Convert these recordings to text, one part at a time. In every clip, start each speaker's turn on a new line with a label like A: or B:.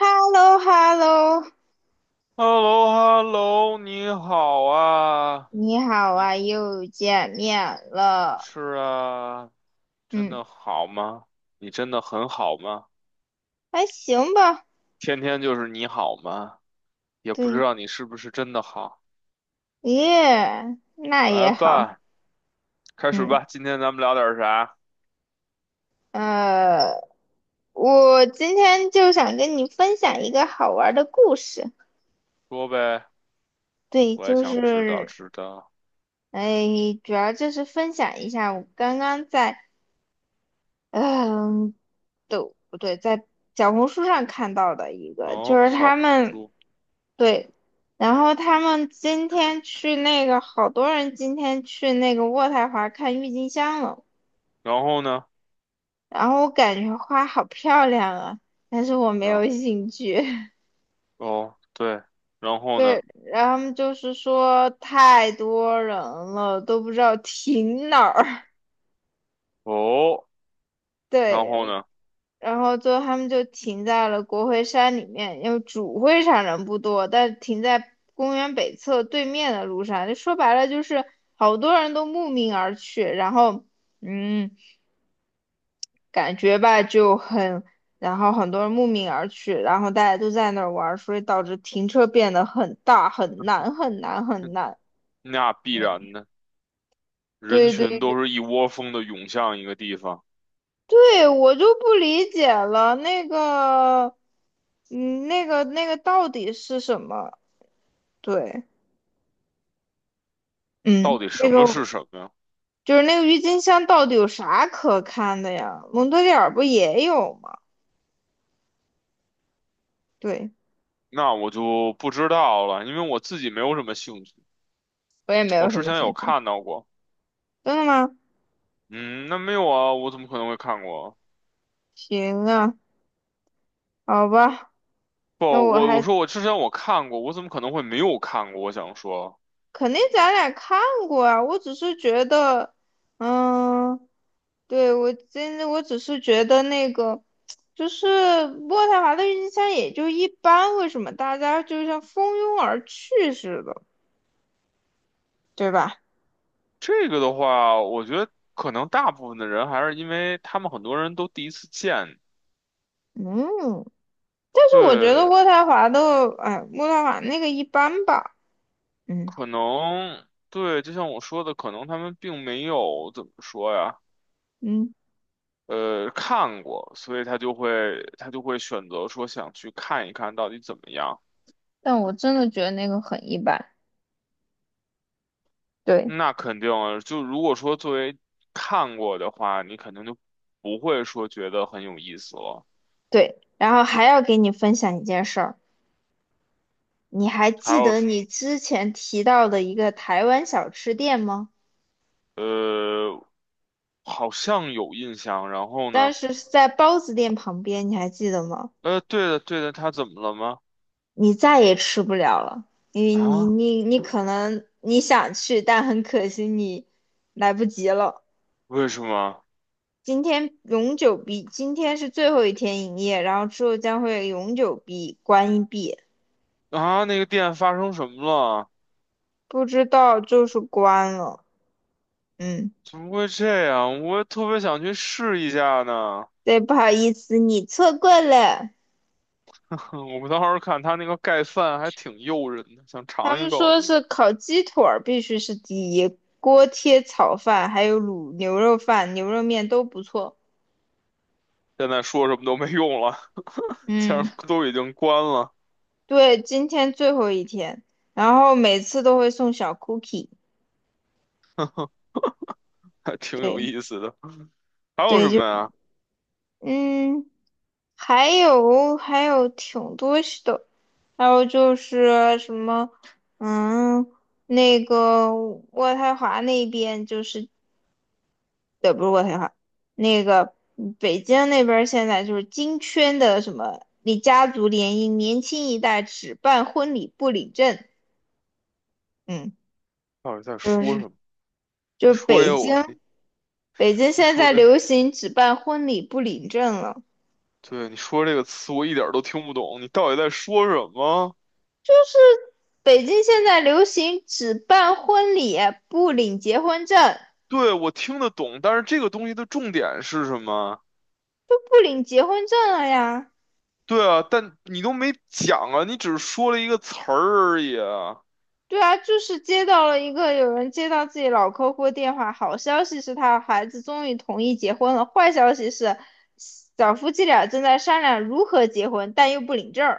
A: h e l l o h e l l o
B: h e l l o h e l l o 你好啊，
A: 你好
B: 你
A: 啊，又见面了。
B: 是啊，真
A: 嗯，
B: 的好吗？你真的很好吗？
A: 还行吧。
B: 天天就是你好吗？也不知
A: 对，
B: 道你是不是真的好。
A: 耶，那
B: 来
A: 也好。
B: 吧，开始
A: 嗯，
B: 吧，今天咱们聊点啥？
A: 呃，我今天就想跟你分享一个好玩儿的故事。
B: 说呗，
A: 对，
B: 我也
A: 就
B: 想知道
A: 是，
B: 知道。
A: 哎，主要就是分享一下我刚刚在嗯、对，不对，在小红书上看到的一个，就
B: 哦，
A: 是
B: 小
A: 他
B: 红
A: 们
B: 书，
A: 对，然后他们今天去那个，好多人今天去那个渥太华看郁金香了，
B: 然后呢？
A: 然后我感觉花好漂亮啊，但是我没
B: 然
A: 有兴趣。
B: 哦，对，然后呢？
A: 对，然后他们就是说太多人了，都不知道停哪儿。
B: 哦，然后
A: 对，
B: 呢？
A: 然后最后他们就停在了国会山里面，因为主会场人不多，但停在公园北侧对面的路上，就说白了就是好多人都慕名而去，然后嗯，感觉吧就很，然后很多人慕名而去，然后大家都在那儿玩儿，所以导致停车变得很大，很难，很难，很 难。
B: 那必
A: 对，
B: 然的，人
A: 对对
B: 群
A: 对，
B: 都是一窝蜂的涌向一个地方。
A: 对我就不理解了，那个，那个到底是什么？对。
B: 到
A: 嗯，
B: 底
A: 那
B: 什么是
A: 个
B: 什么呀？
A: 就是那个郁金香到底有啥可看的呀？蒙特利尔不也有吗？对，
B: 那我就不知道了，因为我自己没有什么兴趣。
A: 我也没
B: 我
A: 有什
B: 之
A: 么
B: 前有
A: 兴趣。
B: 看到过，
A: 真的吗？
B: 嗯，那没有啊，我怎么可能会看过啊？
A: 行啊，好吧，
B: 不，
A: 那我
B: 我
A: 还
B: 说我之前我看过，我怎么可能会没有看过？我想说
A: 肯定咱俩看过啊。我只是觉得，嗯，对，我真的我只是觉得那个就是渥太华的郁金香也就一般，为什么大家就像蜂拥而去似的，对吧？
B: 这个的话，我觉得可能大部分的人还是因为他们很多人都第一次见，
A: 嗯。但是我觉得
B: 对，
A: 渥太华的，哎，渥太华那个一般吧，嗯
B: 可能对，就像我说的，可能他们并没有怎么说呀。
A: 嗯，
B: 看过，所以他就会选择说想去看一看到底怎么样。
A: 但我真的觉得那个很一般。对
B: 那肯定啊，就如果说作为看过的话，你肯定就不会说觉得很有意思了。
A: 对，然后还要给你分享一件事儿，你还
B: 还
A: 记
B: 有
A: 得你之前提到的一个台湾小吃店吗？
B: 呃，好像有印象，然后
A: 但
B: 呢？
A: 是是在包子店旁边，你还记得吗？
B: 呃，对的对的，他怎么了吗？
A: 你再也吃不了了，你你
B: 啊？
A: 你你可能你想去，但很可惜你来不及了。
B: 为什么？
A: 今天永久闭，今天是最后一天营业，然后之后将会永久闭关闭，
B: 啊？那个店发生什么了？
A: 不知道就是关了。嗯，
B: 怎么会这样？我也特别想去试一下呢。
A: 对，不好意思，你错过了。
B: 嗯，我当时看他那个盖饭还挺诱人的，想
A: 他
B: 尝一
A: 们
B: 口。
A: 说是烤鸡腿儿必须是第一，锅贴炒饭还有卤牛肉饭、牛肉面都不错。
B: 现在说什么都没用了，既
A: 嗯，
B: 然都已经关了，
A: 对，今天最后一天，然后每次都会送小 cookie。
B: 还挺有
A: 对
B: 意思的。还有
A: 对，
B: 什
A: 就
B: 么呀？
A: 嗯。还有挺多是的，还有就是什么，嗯，那个渥太华那边就是，不是渥太华，那个北京那边儿现在就是金圈的什么，你家族联姻，年轻一代只办婚礼不领证，嗯，
B: 到底在
A: 就
B: 说
A: 是
B: 什么？
A: 就
B: 你
A: 是
B: 说这
A: 北
B: 个
A: 京
B: 我，你
A: 北京
B: 你
A: 现
B: 说
A: 在
B: 的，
A: 流行只办婚礼不领证了。
B: 对，你说这个词我一点儿都听不懂，你到底在说什么？
A: 就是北京现在流行只办婚礼不领结婚证，
B: 对，我听得懂，但是这个东西的重点是什么？
A: 都不领结婚证了呀。
B: 对啊，但你都没讲啊，你只是说了一个词儿而已啊。
A: 对啊，就是接到了一个有人接到自己老客户电话，好消息是他孩子终于同意结婚了，坏消息是小夫妻俩正在商量如何结婚，但又不领证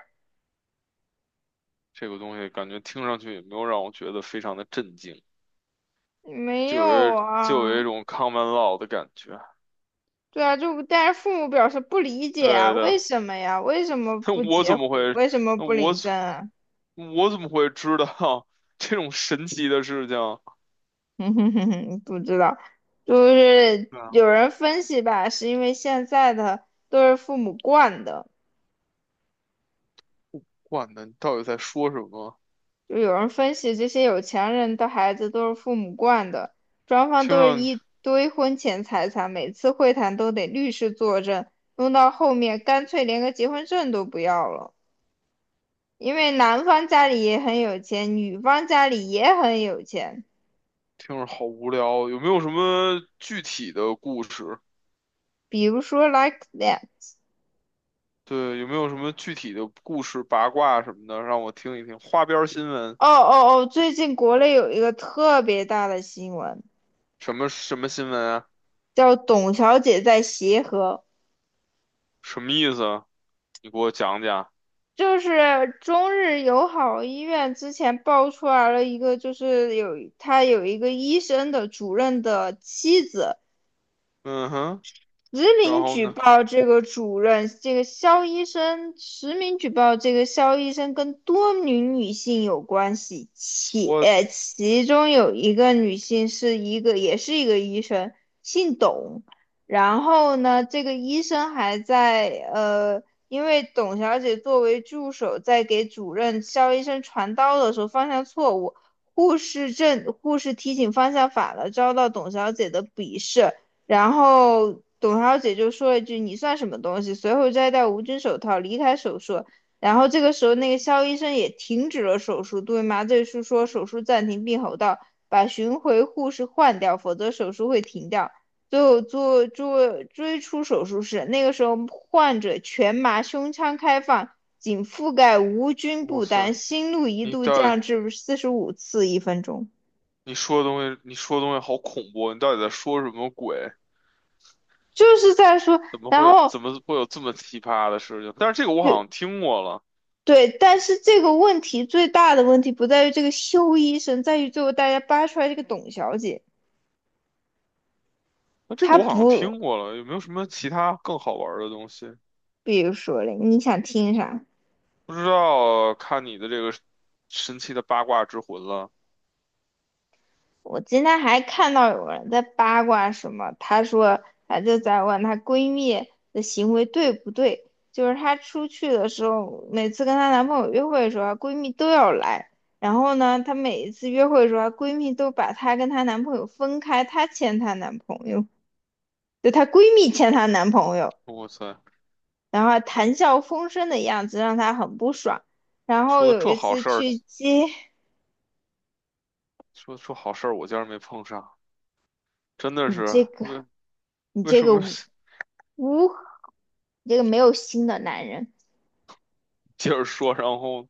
B: 这个东西感觉听上去也没有让我觉得非常的震惊。
A: 没
B: 就有
A: 有
B: 一就有
A: 啊，
B: 一种 common law 的感觉。
A: 对啊，就但是父母表示不理解啊，
B: 对
A: 为
B: 的，
A: 什么呀？为什么
B: 那
A: 不
B: 我
A: 结
B: 怎
A: 婚？
B: 么会？
A: 为什么
B: 那
A: 不
B: 我
A: 领
B: 怎
A: 证啊？
B: 我怎么会知道 这种神奇的事情？
A: 哼哼哼哼，不知道，就是
B: 对啊
A: 有人分析吧，是因为现在的都是父母惯的，
B: 管呢，你到底在说什么？
A: 就有人分析这些有钱人的孩子都是父母惯的，双方
B: 听
A: 都是
B: 上去
A: 一堆婚前财产，每次会谈都得律师作证，弄到后面干脆连个结婚证都不要了，因为男方家里也很有钱，女方家里也很有钱，
B: 听着好无聊，有没有什么具体的故事？
A: 比如说 like that。
B: 对，有没有什么具体的故事、八卦什么的，让我听一听？花边儿新闻，
A: 哦哦哦，最近国内有一个特别大的新闻。
B: 什么什么新闻啊？
A: 叫董小姐在协和，
B: 什么意思啊？你给我讲讲。
A: 就是中日友好医院之前爆出来了一个，就是有他有一个医生的主任的妻子
B: 嗯哼，
A: 实
B: 然
A: 名
B: 后
A: 举
B: 呢？
A: 报这个主任，这个肖医生，实名举报这个肖医生跟多名女性有关系，且
B: 我
A: 其中有一个女性是一个，也是一个医生，姓董。然后呢，这个医生还在因为董小姐作为助手，在给主任肖医生传刀的时候方向错误，护士提醒方向反了，遭到董小姐的鄙视。然后董小姐就说了一句："你算什么东西？"随后摘掉无菌手套，离开手术。然后这个时候，那个肖医生也停止了手术，对麻醉师说："手术暂停，并吼道：'把巡回护士换掉，否则手术会停掉。'"最后做追出手术室，那个时候患者全麻，胸腔开放，仅覆盖无菌
B: 哇
A: 布
B: 塞，
A: 单，心率一
B: 你
A: 度
B: 到底？
A: 降至45次一分钟，
B: 你说的东西，你说的东西好恐怖，你到底在说什么鬼？
A: 就是在说，
B: 怎么
A: 然
B: 会有
A: 后
B: 怎么会有这么奇葩的事情？但是这个我
A: 就
B: 好像听过了，
A: 对，但是这个问题最大的问题不在于这个修医生，在于最后大家扒出来这个董小姐，
B: 那这个
A: 她
B: 我好像
A: 不，
B: 听过了，有没有什么其他更好玩儿的东西？
A: 比如说嘞，你想听啥？
B: 不知道，看你的这个神奇的八卦之魂了。
A: 我今天还看到有人在八卦什么，她说，她就在问她闺蜜的行为对不对，就是她出去的时候，每次跟她男朋友约会的时候，她闺蜜都要来，然后呢，她每一次约会的时候，她闺蜜都把她跟她男朋友分开，她牵她男朋友，就她闺蜜牵她男朋友。
B: 哇塞，
A: 然后谈笑风生的样子让他很不爽。然后
B: 说的
A: 有
B: 这
A: 一
B: 好
A: 次
B: 事儿，
A: 去接
B: 说说好事儿，我竟然没碰上，真的
A: 你
B: 是
A: 这个你
B: 为
A: 这
B: 什
A: 个
B: 么
A: 无 无你这个没有心的男人，
B: 接着说？然后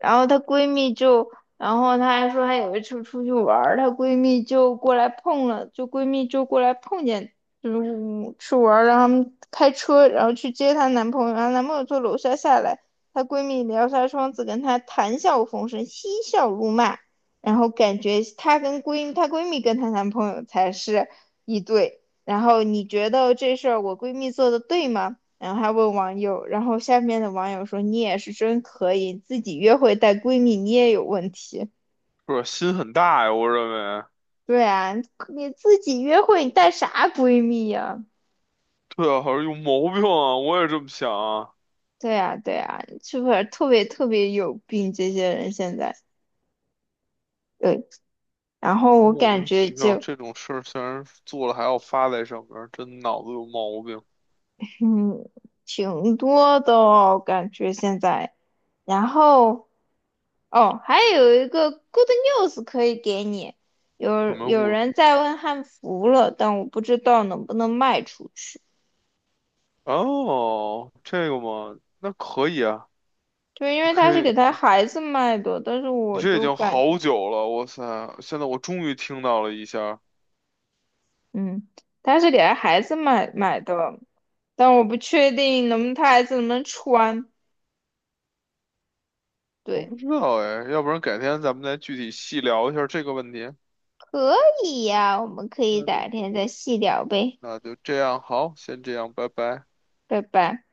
A: 然后她闺蜜就，然后她还说她有一次出去玩儿她闺蜜就过来碰了，就闺蜜就过来碰见，就是去玩儿，让他们开车，然后去接她男朋友，然后男朋友从楼下下来，她闺蜜撩下窗子跟她谈笑风生，嬉笑怒骂，然后感觉她跟闺她闺蜜跟她男朋友才是一对，然后你觉得这事儿我闺蜜做的对吗？然后还问网友，然后下面的网友说："你也是真可以，自己约会带闺蜜，你也有问题。"
B: 不是心很大呀，我认为，
A: 对啊，你自己约会你带啥闺蜜呀、
B: 对啊，好像有毛病啊，我也这么想啊。
A: 对啊，对啊，是不是特别特别有病？这些人现在对，然后我
B: 莫
A: 感
B: 名
A: 觉
B: 其妙
A: 就
B: 这种事儿，竟然做了还要发在上面儿，真脑子有毛病。
A: 嗯挺多的哦，感觉现在，然后哦，还有一个 good news 可以给你，
B: 什
A: 有
B: 么
A: 有
B: 故？
A: 人在问汉服了，但我不知道能不能卖出去。
B: 哦，这个嘛，那可以啊，
A: 对，因
B: 你
A: 为他
B: 可
A: 是给
B: 以，
A: 他孩子卖的，但是
B: 你
A: 我
B: 这已
A: 就
B: 经
A: 感觉，
B: 好久了，哇塞！现在我终于听到了一下儿
A: 嗯，他是给他孩子买的，但我不确定能不能他孩子能不能穿。
B: 我
A: 对，
B: 不知道哎，要不然改天咱们再具体细聊一下儿这个问题。
A: 可以呀，我们可以
B: 那就
A: 改天再细聊呗，
B: 那就这样，好，先这样，拜拜。
A: 拜拜。